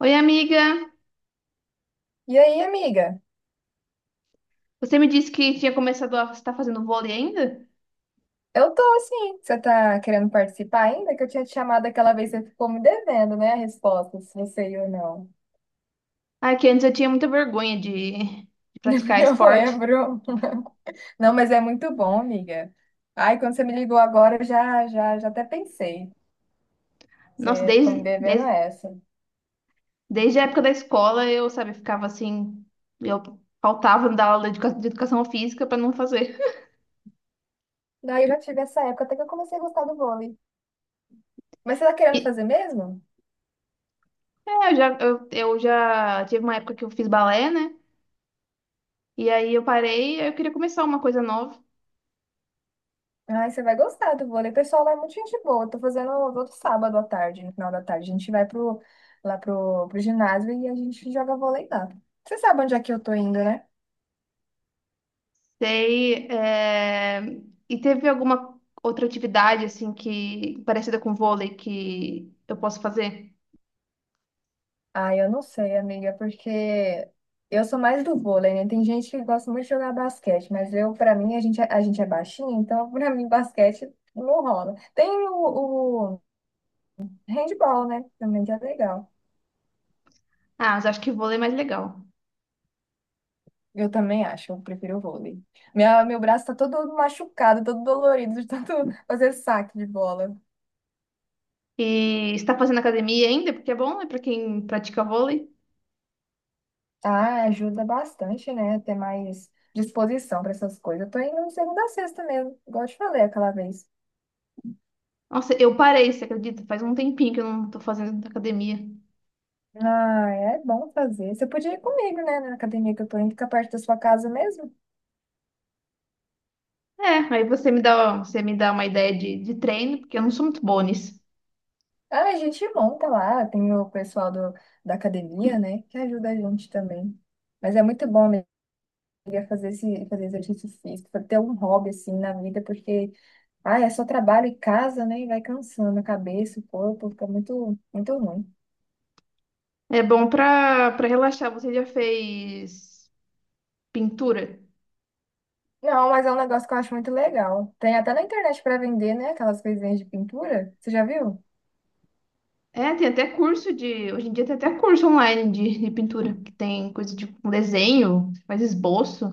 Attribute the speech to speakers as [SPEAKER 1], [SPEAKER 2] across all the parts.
[SPEAKER 1] Oi, amiga.
[SPEAKER 2] E aí, amiga?
[SPEAKER 1] Você me disse que tinha começado a estar fazendo vôlei ainda?
[SPEAKER 2] Eu tô assim. Você tá querendo participar ainda? Que eu tinha te chamado aquela vez, você ficou me devendo, né? A resposta, se você ia ou não.
[SPEAKER 1] Ah, que antes eu tinha muita vergonha de praticar
[SPEAKER 2] Eu
[SPEAKER 1] esporte.
[SPEAKER 2] lembro. Não, mas é muito bom, amiga. Ai, quando você me ligou agora, eu já até pensei.
[SPEAKER 1] Nossa,
[SPEAKER 2] Você ficou me
[SPEAKER 1] desde,
[SPEAKER 2] devendo
[SPEAKER 1] desde,
[SPEAKER 2] essa.
[SPEAKER 1] desde a época da escola eu, sabe, ficava assim, eu faltava da aula de educação física para não fazer.
[SPEAKER 2] Daí eu já tive essa época, até que eu comecei a gostar do vôlei. Mas você tá querendo
[SPEAKER 1] E
[SPEAKER 2] fazer mesmo?
[SPEAKER 1] eu já tive uma época que eu fiz balé, né? E aí eu parei, eu queria começar uma coisa nova.
[SPEAKER 2] Ai, você vai gostar do vôlei. O pessoal lá é muito gente boa. Eu tô fazendo todo sábado à tarde, no final da tarde. A gente vai lá pro ginásio e a gente joga vôlei lá. Você sabe onde é que eu tô indo, né?
[SPEAKER 1] Sei. E teve alguma outra atividade assim que parecida com vôlei que eu posso fazer?
[SPEAKER 2] Ah, eu não sei, amiga, porque eu sou mais do vôlei, né? Tem gente que gosta muito de jogar basquete, mas eu, pra mim, a gente é baixinho, então pra mim basquete não rola. Tem o handball, né? Também que é legal.
[SPEAKER 1] Ah, mas acho que vôlei é mais legal.
[SPEAKER 2] Eu também acho, eu prefiro o vôlei. Meu braço tá todo machucado, todo dolorido de tanto fazer saque de bola.
[SPEAKER 1] E está fazendo academia ainda? Porque é bom, né, para quem pratica vôlei.
[SPEAKER 2] Ah, ajuda bastante, né? Ter mais disposição para essas coisas. Eu tô indo segunda a sexta mesmo, igual eu te falei aquela vez.
[SPEAKER 1] Nossa, eu parei, você acredita? Faz um tempinho que eu não tô fazendo academia.
[SPEAKER 2] Ah, é bom fazer. Você podia ir comigo, né? Na academia que eu tô indo, fica perto da sua casa mesmo.
[SPEAKER 1] É, aí você me dá uma ideia de treino, porque eu não sou muito boa nisso.
[SPEAKER 2] Ah, a gente monta lá, tem o pessoal da academia, né? Que ajuda a gente também. Mas é muito bom, amiga, fazer exercício físico, ter um hobby assim na vida, porque ah, é só trabalho e casa, né? E vai cansando a cabeça, o corpo, fica muito, muito ruim.
[SPEAKER 1] É bom para para relaxar. Você já fez pintura?
[SPEAKER 2] Não, mas é um negócio que eu acho muito legal. Tem até na internet para vender, né? Aquelas coisinhas de pintura. Você já viu?
[SPEAKER 1] É, tem até curso de. Hoje em dia tem até curso online de pintura, que tem coisa de um desenho, você faz esboço.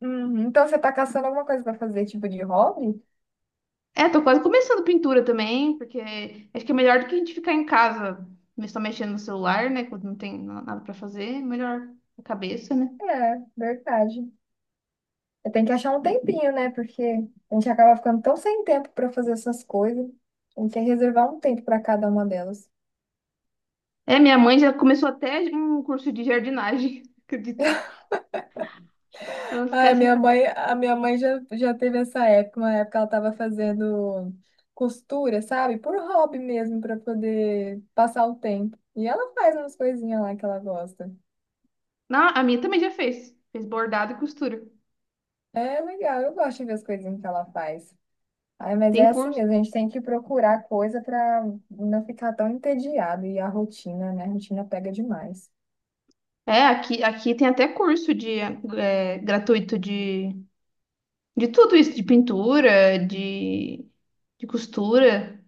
[SPEAKER 2] Uhum. Então você tá caçando alguma coisa para fazer, tipo de hobby?
[SPEAKER 1] É, tô quase começando pintura também, porque acho que é melhor do que a gente ficar em casa, mas só mexendo no celular, né? Quando não tem nada pra fazer, é melhor a cabeça, né?
[SPEAKER 2] É, verdade. Tem que achar um tempinho, né? Porque a gente acaba ficando tão sem tempo para fazer essas coisas. A gente tem que reservar um tempo para cada uma delas.
[SPEAKER 1] É, minha mãe já começou até um curso de jardinagem, acredita? Pra não ficar
[SPEAKER 2] Ai,
[SPEAKER 1] sem.
[SPEAKER 2] minha mãe já teve essa época, uma época ela estava fazendo costura, sabe? Por hobby mesmo, para poder passar o tempo. E ela faz umas coisinhas lá que ela gosta.
[SPEAKER 1] Não, a minha também já fez. Fez bordado e costura.
[SPEAKER 2] É legal, eu gosto de ver as coisinhas que ela faz. Ai, mas
[SPEAKER 1] Tem
[SPEAKER 2] é assim
[SPEAKER 1] curso.
[SPEAKER 2] mesmo, a gente tem que procurar coisa para não ficar tão entediado. E a rotina, né? A rotina pega demais.
[SPEAKER 1] É, aqui tem até curso de gratuito de tudo isso, de pintura, de costura.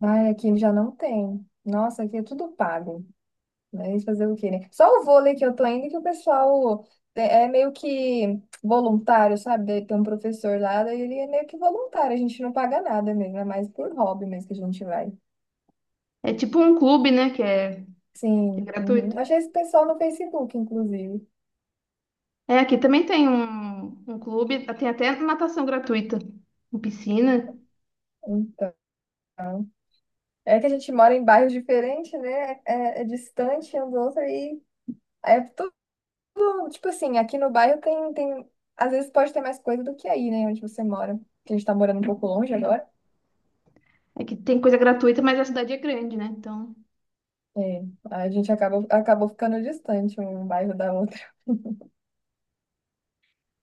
[SPEAKER 2] Ai, aqui já não tem. Nossa, aqui é tudo pago. Mas fazer o quê, né? Só o vôlei que eu tô indo, que o pessoal é meio que voluntário, sabe? Daí tem um professor lá, daí ele é meio que voluntário, a gente não paga nada mesmo, é mais por hobby mesmo que a gente vai.
[SPEAKER 1] É tipo um clube, né? Que é
[SPEAKER 2] Sim, uhum.
[SPEAKER 1] gratuito.
[SPEAKER 2] Achei esse pessoal no Facebook, inclusive.
[SPEAKER 1] É, aqui também tem um, um clube, tem até natação gratuita, em piscina.
[SPEAKER 2] Então, é que a gente mora em bairros diferentes, né? É, é distante um do outro e é tudo, tipo assim, aqui no bairro tem, às vezes pode ter mais coisa do que aí, né? Onde você mora. Que a gente tá morando um pouco longe agora.
[SPEAKER 1] Aqui tem coisa gratuita, mas a cidade é grande, né? Então.
[SPEAKER 2] É, acabou ficando distante um bairro da outra.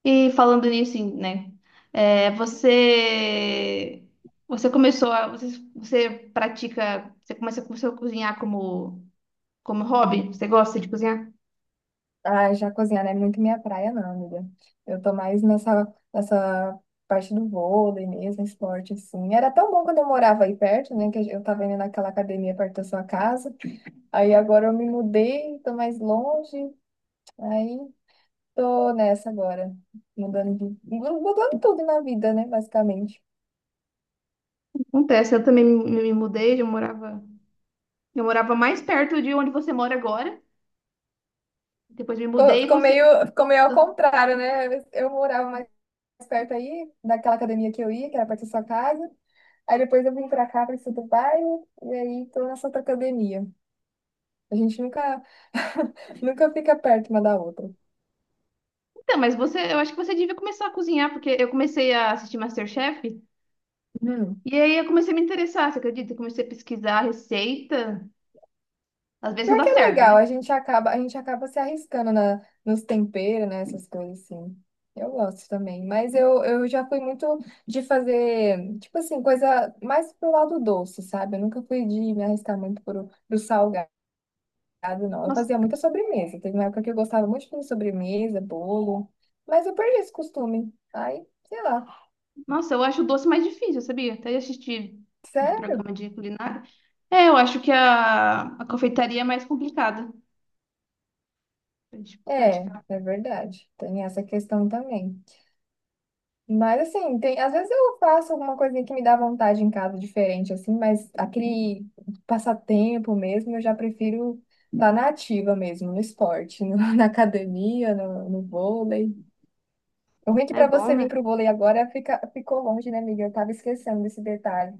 [SPEAKER 1] E falando nisso, né? é, você. Você começou a. Você, você pratica. Você começa, começou a cozinhar como, como hobby? Você gosta de cozinhar?
[SPEAKER 2] Ah, Jacozinha não é muito minha praia, não, amiga. Eu tô mais nessa parte do vôlei mesmo, esporte, assim. Era tão bom quando eu morava aí perto, né? Que eu tava indo naquela academia perto da sua casa. Aí agora eu me mudei, tô mais longe. Aí tô nessa agora. Mudando tudo na vida, né? Basicamente.
[SPEAKER 1] Acontece, eu também me mudei, eu morava mais perto de onde você mora agora. Depois me mudei e você.
[SPEAKER 2] Ficou meio ao contrário, né? Eu morava perto aí, daquela academia que eu ia, que era perto da sua casa. Aí depois eu vim pra cá, pra esse outro bairro, e aí tô nessa outra academia. A gente nunca, nunca fica perto uma da outra.
[SPEAKER 1] Então, mas você, eu acho que você devia começar a cozinhar, porque eu comecei a assistir MasterChef
[SPEAKER 2] Hum.
[SPEAKER 1] e aí eu comecei a me interessar, você acredita? Eu comecei a pesquisar a receita. Às vezes não
[SPEAKER 2] Pior
[SPEAKER 1] dá
[SPEAKER 2] que é
[SPEAKER 1] certo, né?
[SPEAKER 2] legal, a gente acaba se arriscando nos temperos, né, essas coisas assim. Eu gosto também, mas eu já fui muito de fazer, tipo assim, coisa mais pro lado doce, sabe? Eu nunca fui de me arriscar muito pro salgado. Casa, não. Eu
[SPEAKER 1] Nossa,
[SPEAKER 2] fazia muita sobremesa. Teve uma época que eu gostava muito de fazer sobremesa, bolo, mas eu perdi esse costume. Aí, sei lá.
[SPEAKER 1] nossa, eu acho o doce mais difícil, sabia? Até assistir uns
[SPEAKER 2] Sério?
[SPEAKER 1] programas de culinária. É, eu acho que a confeitaria é mais complicada pra gente
[SPEAKER 2] É,
[SPEAKER 1] praticar.
[SPEAKER 2] é verdade. Tem essa questão também. Mas assim, tem, às vezes eu faço alguma coisinha que me dá vontade em casa diferente, assim, mas aquele passatempo mesmo, eu já prefiro estar na ativa mesmo, no esporte, na academia, no vôlei. O ruim é que
[SPEAKER 1] É
[SPEAKER 2] pra
[SPEAKER 1] bom,
[SPEAKER 2] você vir
[SPEAKER 1] né?
[SPEAKER 2] pro vôlei agora ficou longe, né, amiga? Eu tava esquecendo desse detalhe.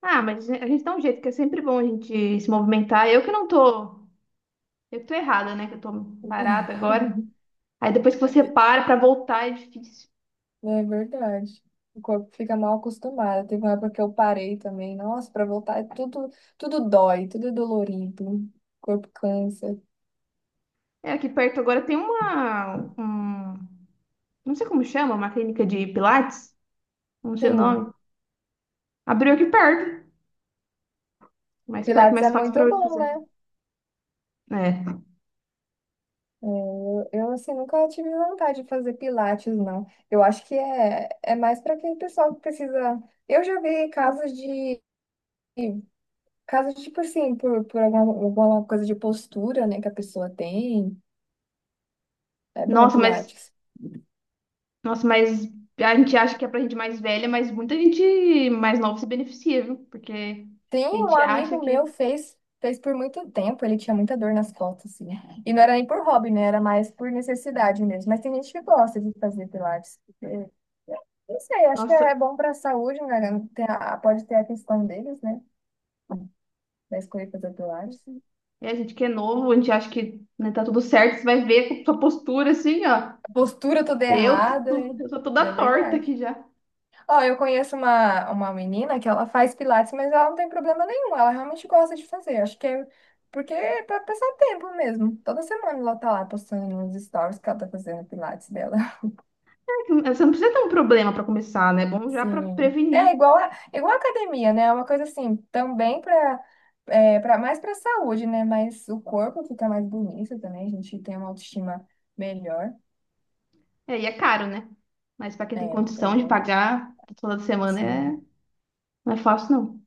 [SPEAKER 1] Ah, mas a gente dá um jeito, que é sempre bom a gente se movimentar. Eu que não tô. Eu que tô errada, né? Que eu tô parada agora. Aí depois que você para pra voltar é difícil.
[SPEAKER 2] É verdade. O corpo fica mal acostumado. Teve uma época que eu parei também. Nossa, pra voltar é tudo, tudo dói, tudo é dolorido. O corpo cansa.
[SPEAKER 1] É, aqui perto agora tem uma, um, não sei como chama, uma clínica de Pilates, não sei o
[SPEAKER 2] Sim,
[SPEAKER 1] nome. Abriu aqui perto,
[SPEAKER 2] Pilates é
[SPEAKER 1] mais fácil pra
[SPEAKER 2] muito
[SPEAKER 1] eu
[SPEAKER 2] bom,
[SPEAKER 1] fazer.
[SPEAKER 2] né?
[SPEAKER 1] É.
[SPEAKER 2] É, eu assim, nunca tive vontade de fazer Pilates, não. Eu acho que é mais para aquele pessoal que precisa. Eu já vi casos de. Casos, tipo assim, por alguma, alguma coisa de postura, né, que a pessoa tem. É bom,
[SPEAKER 1] Nossa, mas,
[SPEAKER 2] Pilates.
[SPEAKER 1] nossa, mas a gente acha que é pra gente mais velha, mas muita gente mais nova se beneficia, viu? Porque
[SPEAKER 2] Tem
[SPEAKER 1] a
[SPEAKER 2] um
[SPEAKER 1] gente acha
[SPEAKER 2] amigo meu
[SPEAKER 1] que,
[SPEAKER 2] fez por muito tempo, ele tinha muita dor nas costas, assim. E não era nem por hobby, né? Era mais por necessidade mesmo. Mas tem gente que gosta de fazer pilates. Eu- não sei, acho que é
[SPEAKER 1] nossa,
[SPEAKER 2] bom para a saúde, né? Pode ter a questão deles, né? Da escolha de fazer pilates.
[SPEAKER 1] é, a gente que é novo, a gente acha que né, tá tudo certo, você vai ver com sua postura assim, ó.
[SPEAKER 2] A postura toda
[SPEAKER 1] Eu
[SPEAKER 2] errada, é
[SPEAKER 1] tô, eu tô
[SPEAKER 2] é
[SPEAKER 1] toda torta
[SPEAKER 2] verdade.
[SPEAKER 1] aqui já.
[SPEAKER 2] Ó, eu conheço uma menina que ela faz pilates, mas ela não tem problema nenhum. Ela realmente gosta de fazer. Acho que é porque é pra passar tempo mesmo. Toda semana ela tá lá postando nos stories que ela tá fazendo pilates dela.
[SPEAKER 1] É, você não precisa ter um problema para começar, né? É bom já para
[SPEAKER 2] Sim. É
[SPEAKER 1] prevenir.
[SPEAKER 2] igual a academia, né? É uma coisa assim, também pra, mais pra saúde, né? Mas o corpo fica mais bonito também. A gente tem uma autoestima melhor.
[SPEAKER 1] É, e é caro, né? Mas para quem tem
[SPEAKER 2] É, pois
[SPEAKER 1] condição de
[SPEAKER 2] é.
[SPEAKER 1] pagar toda semana é...
[SPEAKER 2] Sim.
[SPEAKER 1] não é fácil, não.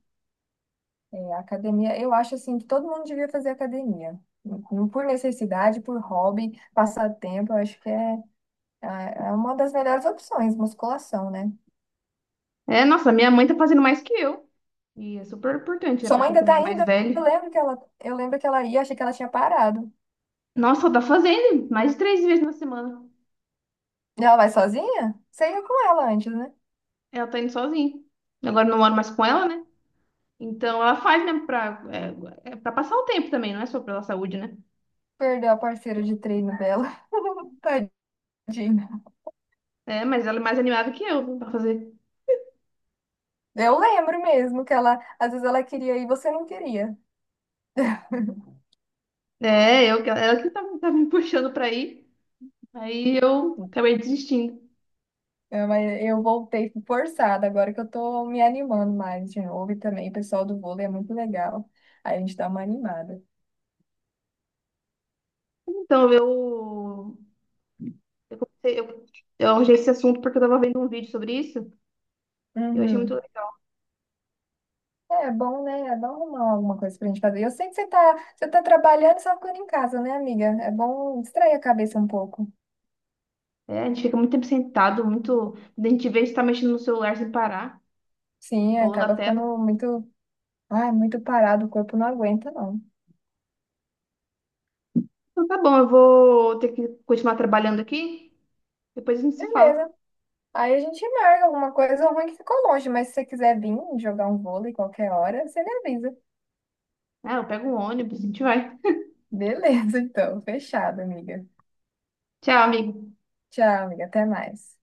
[SPEAKER 2] É, academia, eu acho assim que todo mundo devia fazer academia. Não por necessidade, por hobby, passatempo, eu acho é uma das melhores opções, musculação, né?
[SPEAKER 1] É, nossa, minha mãe tá fazendo mais que eu. E é super importante, né?
[SPEAKER 2] Sua
[SPEAKER 1] Para
[SPEAKER 2] mãe
[SPEAKER 1] quem
[SPEAKER 2] ainda tá
[SPEAKER 1] também é mais
[SPEAKER 2] ainda,
[SPEAKER 1] velho.
[SPEAKER 2] eu lembro que ela ia, achei que ela tinha parado.
[SPEAKER 1] Nossa, ela tá fazendo mais de 3 vezes na semana.
[SPEAKER 2] E ela vai sozinha? Você ia com ela antes, né?
[SPEAKER 1] Ela tá indo sozinha. Agora eu não moro mais com ela, né? Então ela faz mesmo pra, é, é pra passar o tempo também, não é só pela saúde, né?
[SPEAKER 2] Perdeu a parceira de treino dela. Tadinha.
[SPEAKER 1] É, mas ela é mais animada que eu pra fazer.
[SPEAKER 2] Eu lembro mesmo que ela, às vezes ela queria ir e você não queria.
[SPEAKER 1] É, eu, ela que tá, tá me puxando pra ir. Aí eu acabei desistindo.
[SPEAKER 2] É, mas eu voltei forçada, agora que eu tô me animando mais de novo. E também o pessoal do vôlei é muito legal. Aí a gente dá uma animada.
[SPEAKER 1] Então, eu comecei, eu, eu arranjei esse assunto porque eu tava vendo um vídeo sobre isso. Eu achei muito.
[SPEAKER 2] Uhum. É bom, né? É bom arrumar alguma coisa pra gente fazer. Eu sei que você tá trabalhando e só ficando em casa, né, amiga? É bom distrair a cabeça um pouco.
[SPEAKER 1] É, a gente fica muito tempo sentado, muito. A gente vê, a gente tá mexendo no celular sem parar,
[SPEAKER 2] Sim,
[SPEAKER 1] rolando a
[SPEAKER 2] acaba
[SPEAKER 1] tela.
[SPEAKER 2] ficando muito, ai, muito parado, o corpo não aguenta, não.
[SPEAKER 1] Então tá bom, eu vou ter que continuar trabalhando aqui. Depois a gente se fala.
[SPEAKER 2] Beleza. Aí a gente marca alguma coisa ruim que ficou longe, mas se você quiser vir jogar um vôlei qualquer hora, você me avisa.
[SPEAKER 1] Ah, eu pego um ônibus, a gente vai.
[SPEAKER 2] Beleza, então. Fechado, amiga.
[SPEAKER 1] Tchau, amigo.
[SPEAKER 2] Tchau, amiga. Até mais.